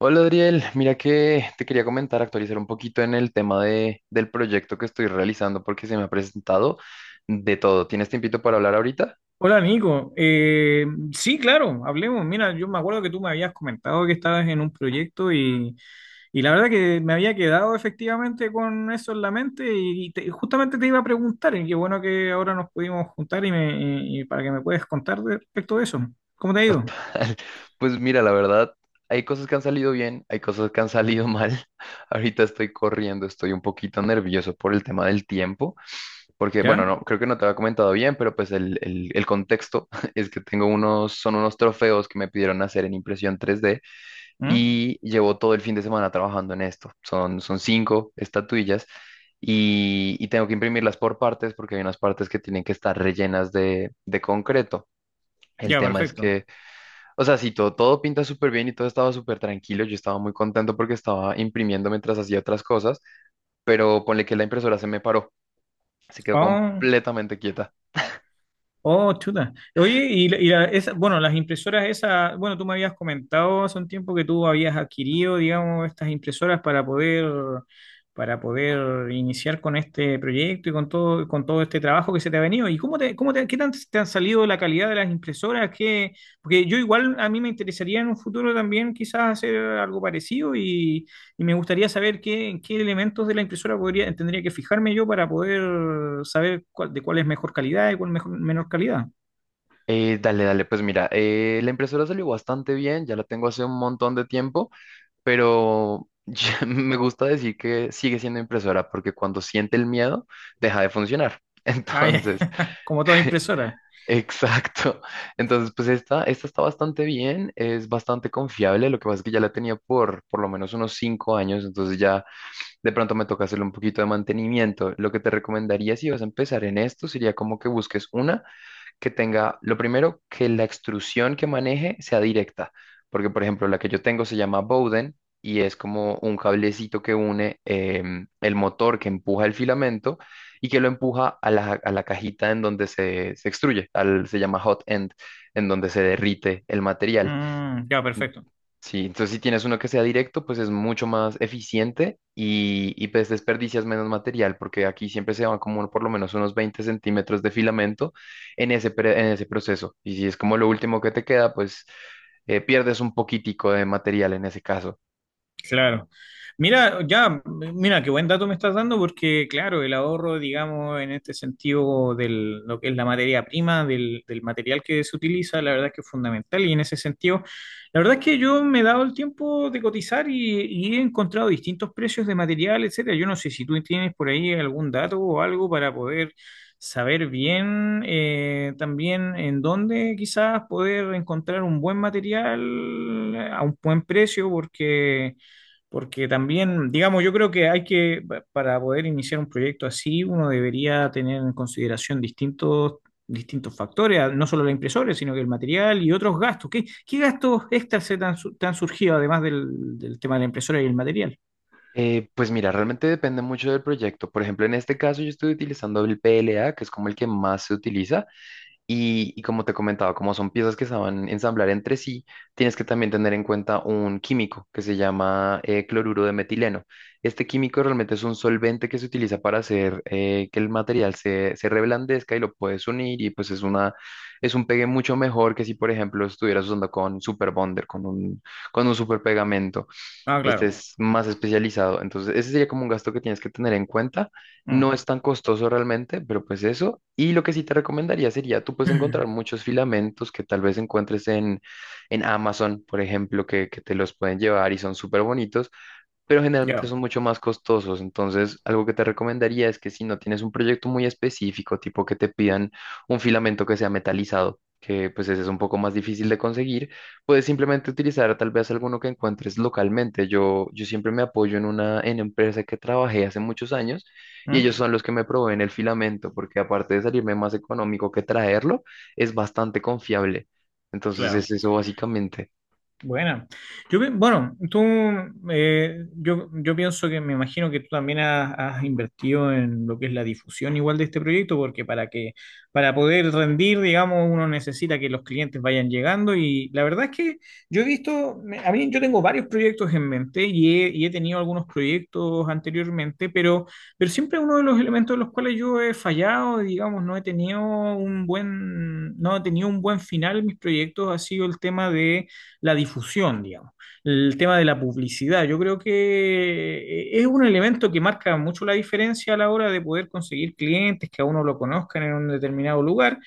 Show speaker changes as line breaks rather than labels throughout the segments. Hola Adriel, mira que te quería comentar, actualizar un poquito en el tema del proyecto que estoy realizando porque se me ha presentado de todo. ¿Tienes tiempito para hablar ahorita?
Hola Nico. Sí, claro, hablemos. Mira, yo me acuerdo que tú me habías comentado que estabas en un proyecto y la verdad que me había quedado efectivamente con eso en la mente y, justamente te iba a preguntar y qué bueno que ahora nos pudimos juntar y para que me puedas contar respecto de eso. ¿Cómo te ha ido?
Total. Pues mira, la verdad, hay cosas que han salido bien, hay cosas que han salido mal. Ahorita estoy corriendo, estoy un poquito nervioso por el tema del tiempo, porque bueno,
¿Ya?
no, creo que no te había comentado bien, pero pues el contexto es que tengo unos, son unos trofeos que me pidieron hacer en impresión 3D
¿Mm?
y llevo todo el fin de semana trabajando en esto. Son cinco estatuillas y tengo que imprimirlas por partes porque hay unas partes que tienen que estar rellenas de concreto. El
Ya,
tema es
perfecto.
que, o sea, si todo pinta súper bien y todo estaba súper tranquilo, yo estaba muy contento porque estaba imprimiendo mientras hacía otras cosas, pero ponle que la impresora se me paró, se quedó
Ah,
completamente quieta.
oh, chuta. Oye, bueno, las impresoras esas, bueno, tú me habías comentado hace un tiempo que tú habías adquirido, digamos, estas impresoras para poder iniciar con este proyecto y con todo este trabajo que se te ha venido. ¿Y cómo te, qué tan te han salido la calidad de las impresoras? ¿Porque yo igual a mí me interesaría en un futuro también quizás hacer algo parecido y me gustaría saber en qué elementos de la impresora podría, tendría que fijarme yo para poder saber de cuál es mejor calidad y cuál mejor, menor calidad?
Pues mira, la impresora salió bastante bien, ya la tengo hace un montón de tiempo, pero me gusta decir que sigue siendo impresora porque cuando siente el miedo, deja de funcionar.
Ah, ya.
Entonces,
Como toda impresora.
exacto. Entonces, pues esta está bastante bien, es bastante confiable. Lo que pasa es que ya la tenía por lo menos unos 5 años, entonces ya de pronto me toca hacerle un poquito de mantenimiento. Lo que te recomendaría si vas a empezar en esto sería como que busques una que tenga, lo primero, que la extrusión que maneje sea directa, porque por ejemplo la que yo tengo se llama Bowden y es como un cablecito que une el motor que empuja el filamento y que lo empuja a a la cajita en donde se extruye, al, se llama hot end, en donde se derrite el material.
Mm, ya,
Mm,
perfecto.
Sí, entonces si tienes uno que sea directo, pues es mucho más eficiente y pues desperdicias menos material, porque aquí siempre se van como por lo menos unos 20 centímetros de filamento en en ese proceso. Y si es como lo último que te queda, pues pierdes un poquitico de material en ese caso.
Claro. Mira, qué buen dato me estás dando porque, claro, el ahorro, digamos, en este sentido de lo que es la materia prima, del material que se utiliza, la verdad es que es fundamental y en ese sentido, la verdad es que yo me he dado el tiempo de cotizar y he encontrado distintos precios de material, etcétera. Yo no sé si tú tienes por ahí algún dato o algo para poder saber bien, también en dónde quizás poder encontrar un buen material a un buen precio porque... Porque también, digamos, yo creo que hay que, para poder iniciar un proyecto así, uno debería tener en consideración distintos factores, ah, no solo la impresora, sino que el material y otros gastos. ¿Qué gastos extras se te han, te han surgido además del tema de la impresora y el material?
Pues mira, realmente depende mucho del proyecto. Por ejemplo, en este caso yo estoy utilizando el PLA, que es como el que más se utiliza. Y como te comentaba, como son piezas que se van a ensamblar entre sí, tienes que también tener en cuenta un químico que se llama cloruro de metileno. Este químico realmente es un solvente que se utiliza para hacer que el material se reblandezca y lo puedes unir y pues es una, es un pegue mucho mejor que si, por ejemplo, estuvieras usando con super bonder, con un super pegamento.
Ah,
Este
claro.
es más especializado. Entonces, ese sería como un gasto que tienes que tener en cuenta. No
Mm.
es tan costoso realmente, pero pues eso. Y lo que sí te recomendaría sería, tú puedes encontrar muchos filamentos que tal vez encuentres en Amazon, por ejemplo, que te los pueden llevar y son súper bonitos, pero generalmente
Ya.
son mucho más costosos. Entonces, algo que te recomendaría es que si no tienes un proyecto muy específico, tipo que te pidan un filamento que sea metalizado, que pues ese es un poco más difícil de conseguir, puedes simplemente utilizar tal vez alguno que encuentres localmente. Yo siempre me apoyo en una en empresa que trabajé hace muchos años y
Mm,
ellos son los que me proveen el filamento, porque aparte de salirme más económico que traerlo, es bastante confiable. Entonces es
claro.
eso básicamente.
Buena. Bueno, tú, yo pienso que me imagino que tú también has invertido en lo que es la difusión igual de este proyecto, porque para poder rendir, digamos, uno necesita que los clientes vayan llegando y la verdad es que yo he visto, a mí yo tengo varios proyectos en mente y he tenido algunos proyectos anteriormente, pero siempre uno de los elementos en los cuales yo he fallado, digamos, no he tenido un buen final en mis proyectos ha sido el tema de la difusión, digamos. El tema de la publicidad, yo creo que, es un elemento que marca mucho la diferencia a la hora de poder conseguir clientes que a uno lo conozcan en un determinado lugar.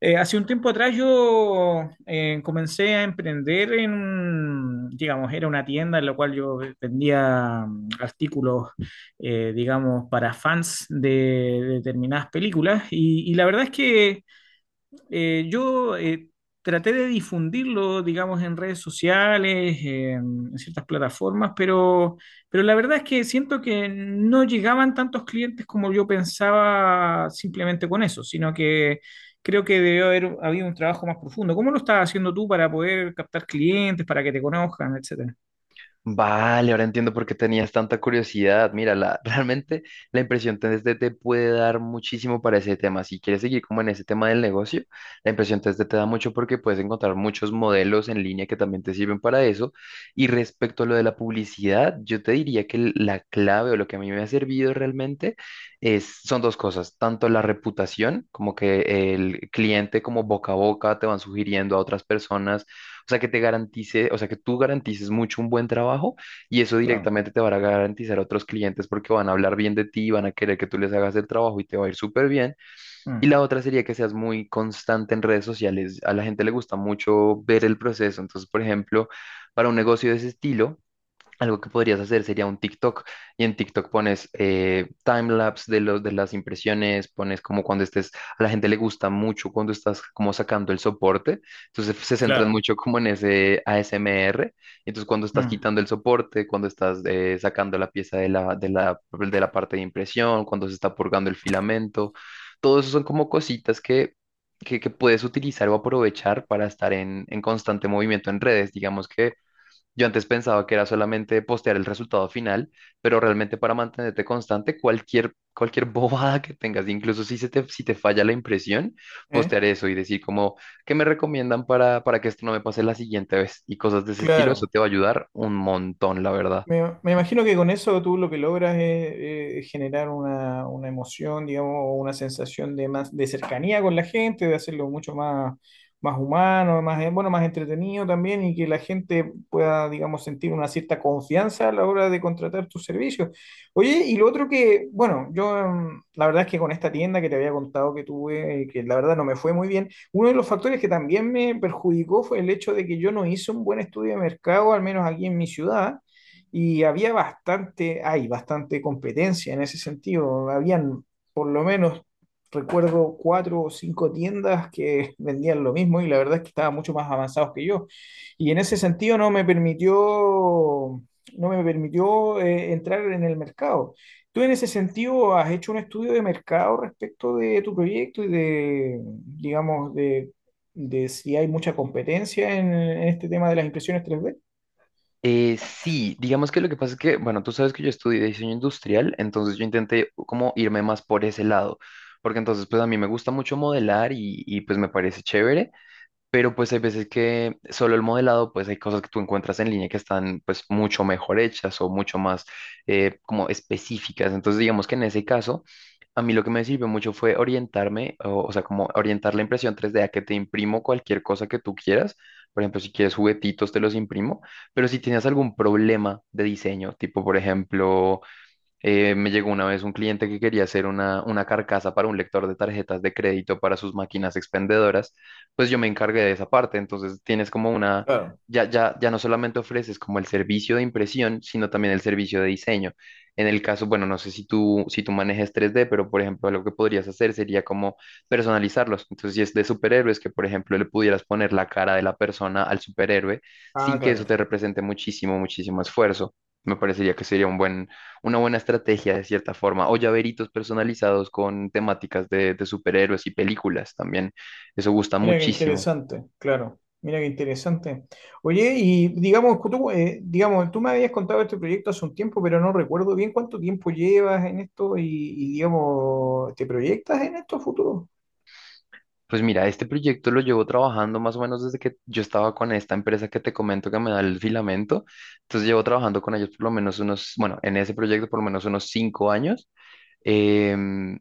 Hace un tiempo atrás yo, comencé a emprender en, digamos, era una tienda en la cual yo vendía, artículos, digamos, para fans de determinadas películas y la verdad es que, yo, traté de difundirlo, digamos, en redes sociales, en ciertas plataformas, pero la verdad es que siento que no llegaban tantos clientes como yo pensaba simplemente con eso, sino que creo que debió haber habido un trabajo más profundo. ¿Cómo lo estás haciendo tú para poder captar clientes, para que te conozcan, etcétera?
Vale, ahora entiendo por qué tenías tanta curiosidad. Mira, la, realmente la impresión 3D te puede dar muchísimo para ese tema. Si quieres seguir como en ese tema del negocio, la impresión 3D te da mucho porque puedes encontrar muchos modelos en línea que también te sirven para eso. Y respecto a lo de la publicidad, yo te diría que la clave o lo que a mí me ha servido realmente es, son dos cosas, tanto la reputación, como que el cliente como boca a boca te van sugiriendo a otras personas, o sea, que te garantice, o sea, que tú garantices mucho un buen trabajo y eso
Claro.
directamente te va a garantizar a otros clientes porque van a hablar bien de ti, van a querer que tú les hagas el trabajo y te va a ir súper bien. Y
Mm,
la otra sería que seas muy constante en redes sociales. A la gente le gusta mucho ver el proceso. Entonces, por ejemplo, para un negocio de ese estilo, algo que podrías hacer sería un TikTok y en TikTok pones timelapse de, los de las impresiones, pones como cuando estés, a la gente le gusta mucho cuando estás como sacando el soporte, entonces se centran
claro.
mucho como en ese ASMR, entonces cuando estás
Mm.
quitando el soporte, cuando estás sacando la pieza de de la parte de impresión, cuando se está purgando el filamento, todo eso son como cositas que... que puedes utilizar o aprovechar para estar en constante movimiento en redes. Digamos que yo antes pensaba que era solamente postear el resultado final, pero realmente para mantenerte constante, cualquier bobada que tengas, incluso si te falla la impresión,
¿Eh?
postear eso y decir como, ¿qué me recomiendan para que esto no me pase la siguiente vez? Y cosas de ese estilo, eso
Claro.
te va a ayudar un montón, la verdad.
Me imagino que con eso tú lo que logras es, generar una, emoción, digamos, o una sensación de más de cercanía con la gente, de hacerlo mucho más humano, más, bueno, más entretenido también, y que la gente pueda, digamos, sentir una cierta confianza a la hora de contratar tus servicios. Oye, y lo otro que, bueno, yo, la verdad es que con esta tienda que te había contado que tuve, que la verdad no me fue muy bien, uno de los factores que también me perjudicó fue el hecho de que yo no hice un buen estudio de mercado, al menos aquí en mi ciudad y había bastante, hay bastante competencia en ese sentido. Habían por lo menos, recuerdo, cuatro o cinco tiendas que vendían lo mismo y la verdad es que estaban mucho más avanzados que yo. Y en ese sentido no me permitió, entrar en el mercado. ¿Tú en ese sentido has hecho un estudio de mercado respecto de tu proyecto y de, digamos, de, si hay mucha competencia en este tema de las impresiones 3D?
Sí, digamos que lo que pasa es que, bueno, tú sabes que yo estudié diseño industrial, entonces yo intenté como irme más por ese lado, porque entonces pues a mí me gusta mucho modelar y pues me parece chévere, pero pues hay veces que solo el modelado, pues hay cosas que tú encuentras en línea que están pues mucho mejor hechas o mucho más como específicas. Entonces digamos que en ese caso, a mí lo que me sirvió mucho fue orientarme, o sea, como orientar la impresión 3D a que te imprimo cualquier cosa que tú quieras. Por ejemplo, si quieres juguetitos, te los imprimo, pero si tienes algún problema de diseño, tipo, por ejemplo, me llegó una vez un cliente que quería hacer una carcasa para un lector de tarjetas de crédito para sus máquinas expendedoras, pues yo me encargué de esa parte, entonces tienes como una,
Claro.
ya no solamente ofreces como el servicio de impresión, sino también el servicio de diseño. En el caso, bueno, no sé si tú manejes 3D, pero por ejemplo, lo que podrías hacer sería como personalizarlos. Entonces, si es de superhéroes, que por ejemplo le pudieras poner la cara de la persona al superhéroe
Ah,
sin que
claro.
eso te represente muchísimo, muchísimo esfuerzo. Me parecería que sería un buen una buena estrategia de cierta forma, o llaveritos personalizados con temáticas de superhéroes y películas también. Eso gusta
Mira qué
muchísimo.
interesante, claro. Mira qué interesante. Oye, y digamos, tú me habías contado este proyecto hace un tiempo, pero no recuerdo bien cuánto tiempo llevas en esto y, digamos, ¿te proyectas en esto a futuro?
Pues mira, este proyecto lo llevo trabajando más o menos desde que yo estaba con esta empresa que te comento que me da el filamento. Entonces llevo trabajando con ellos por lo menos unos, bueno, en ese proyecto por lo menos unos 5 años. Em,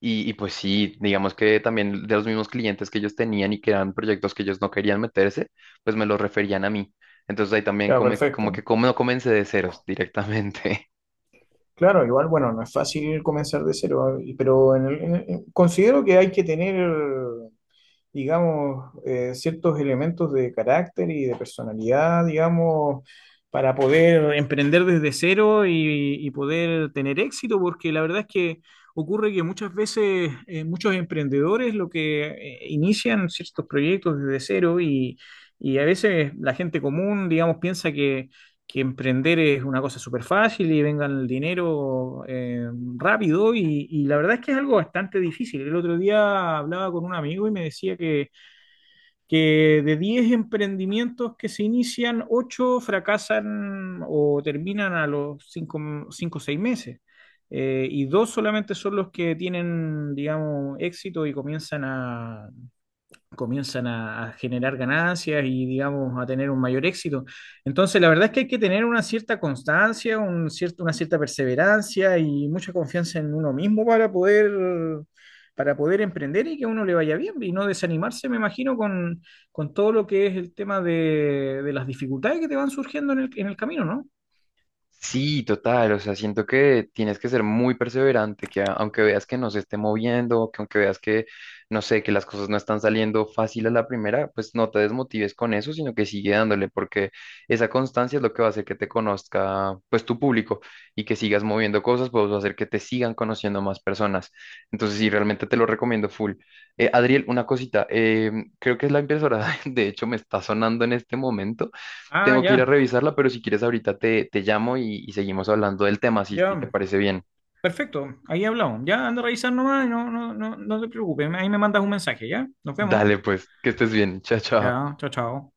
Y pues sí, digamos que también de los mismos clientes que ellos tenían y que eran proyectos que ellos no querían meterse, pues me los referían a mí. Entonces ahí también
Ya, perfecto.
como no comencé de ceros directamente.
Claro, igual, bueno, no es fácil comenzar de cero, pero considero que hay que tener, digamos, ciertos elementos de carácter y de personalidad, digamos, para poder emprender desde cero y poder tener éxito, porque la verdad es que ocurre que muchas veces, muchos emprendedores lo que, inician ciertos proyectos desde cero y a veces la gente común, digamos, piensa que emprender es una cosa súper fácil y vengan el dinero, rápido y la verdad es que es algo bastante difícil. El otro día hablaba con un amigo y me decía que, de 10 emprendimientos que se inician, 8 fracasan o terminan a los 5 o 6 meses. Y dos solamente son los que tienen, digamos, éxito y comienzan a generar ganancias y, digamos, a tener un mayor éxito. Entonces, la verdad es que hay que tener una cierta constancia, un cierto, una cierta perseverancia y mucha confianza en uno mismo para poder emprender y que a uno le vaya bien y no desanimarse, me imagino, con todo lo que es el tema de las dificultades que te van surgiendo en el camino, ¿no?
Sí, total, o sea, siento que tienes que ser muy perseverante, que aunque veas que no se esté moviendo, que aunque veas que, no sé, que las cosas no están saliendo fácil a la primera, pues no te desmotives con eso, sino que sigue dándole, porque esa constancia es lo que va a hacer que te conozca, pues, tu público y que sigas moviendo cosas, pues va a hacer que te sigan conociendo más personas. Entonces, sí, realmente te lo recomiendo full. Adriel, una cosita, creo que es la impresora, de hecho, me está sonando en este momento,
Ah,
tengo que ir a
ya,
revisarla, pero si quieres ahorita te llamo y seguimos hablando del tema, si te
ya.
parece bien.
Perfecto, ahí hablamos. Ya anda a revisar nomás, y no, no, no, no te preocupes. Ahí me mandas un mensaje, ¿ya? Nos vemos.
Dale, pues, que estés bien. Chao, chao.
Ya, chao, chao.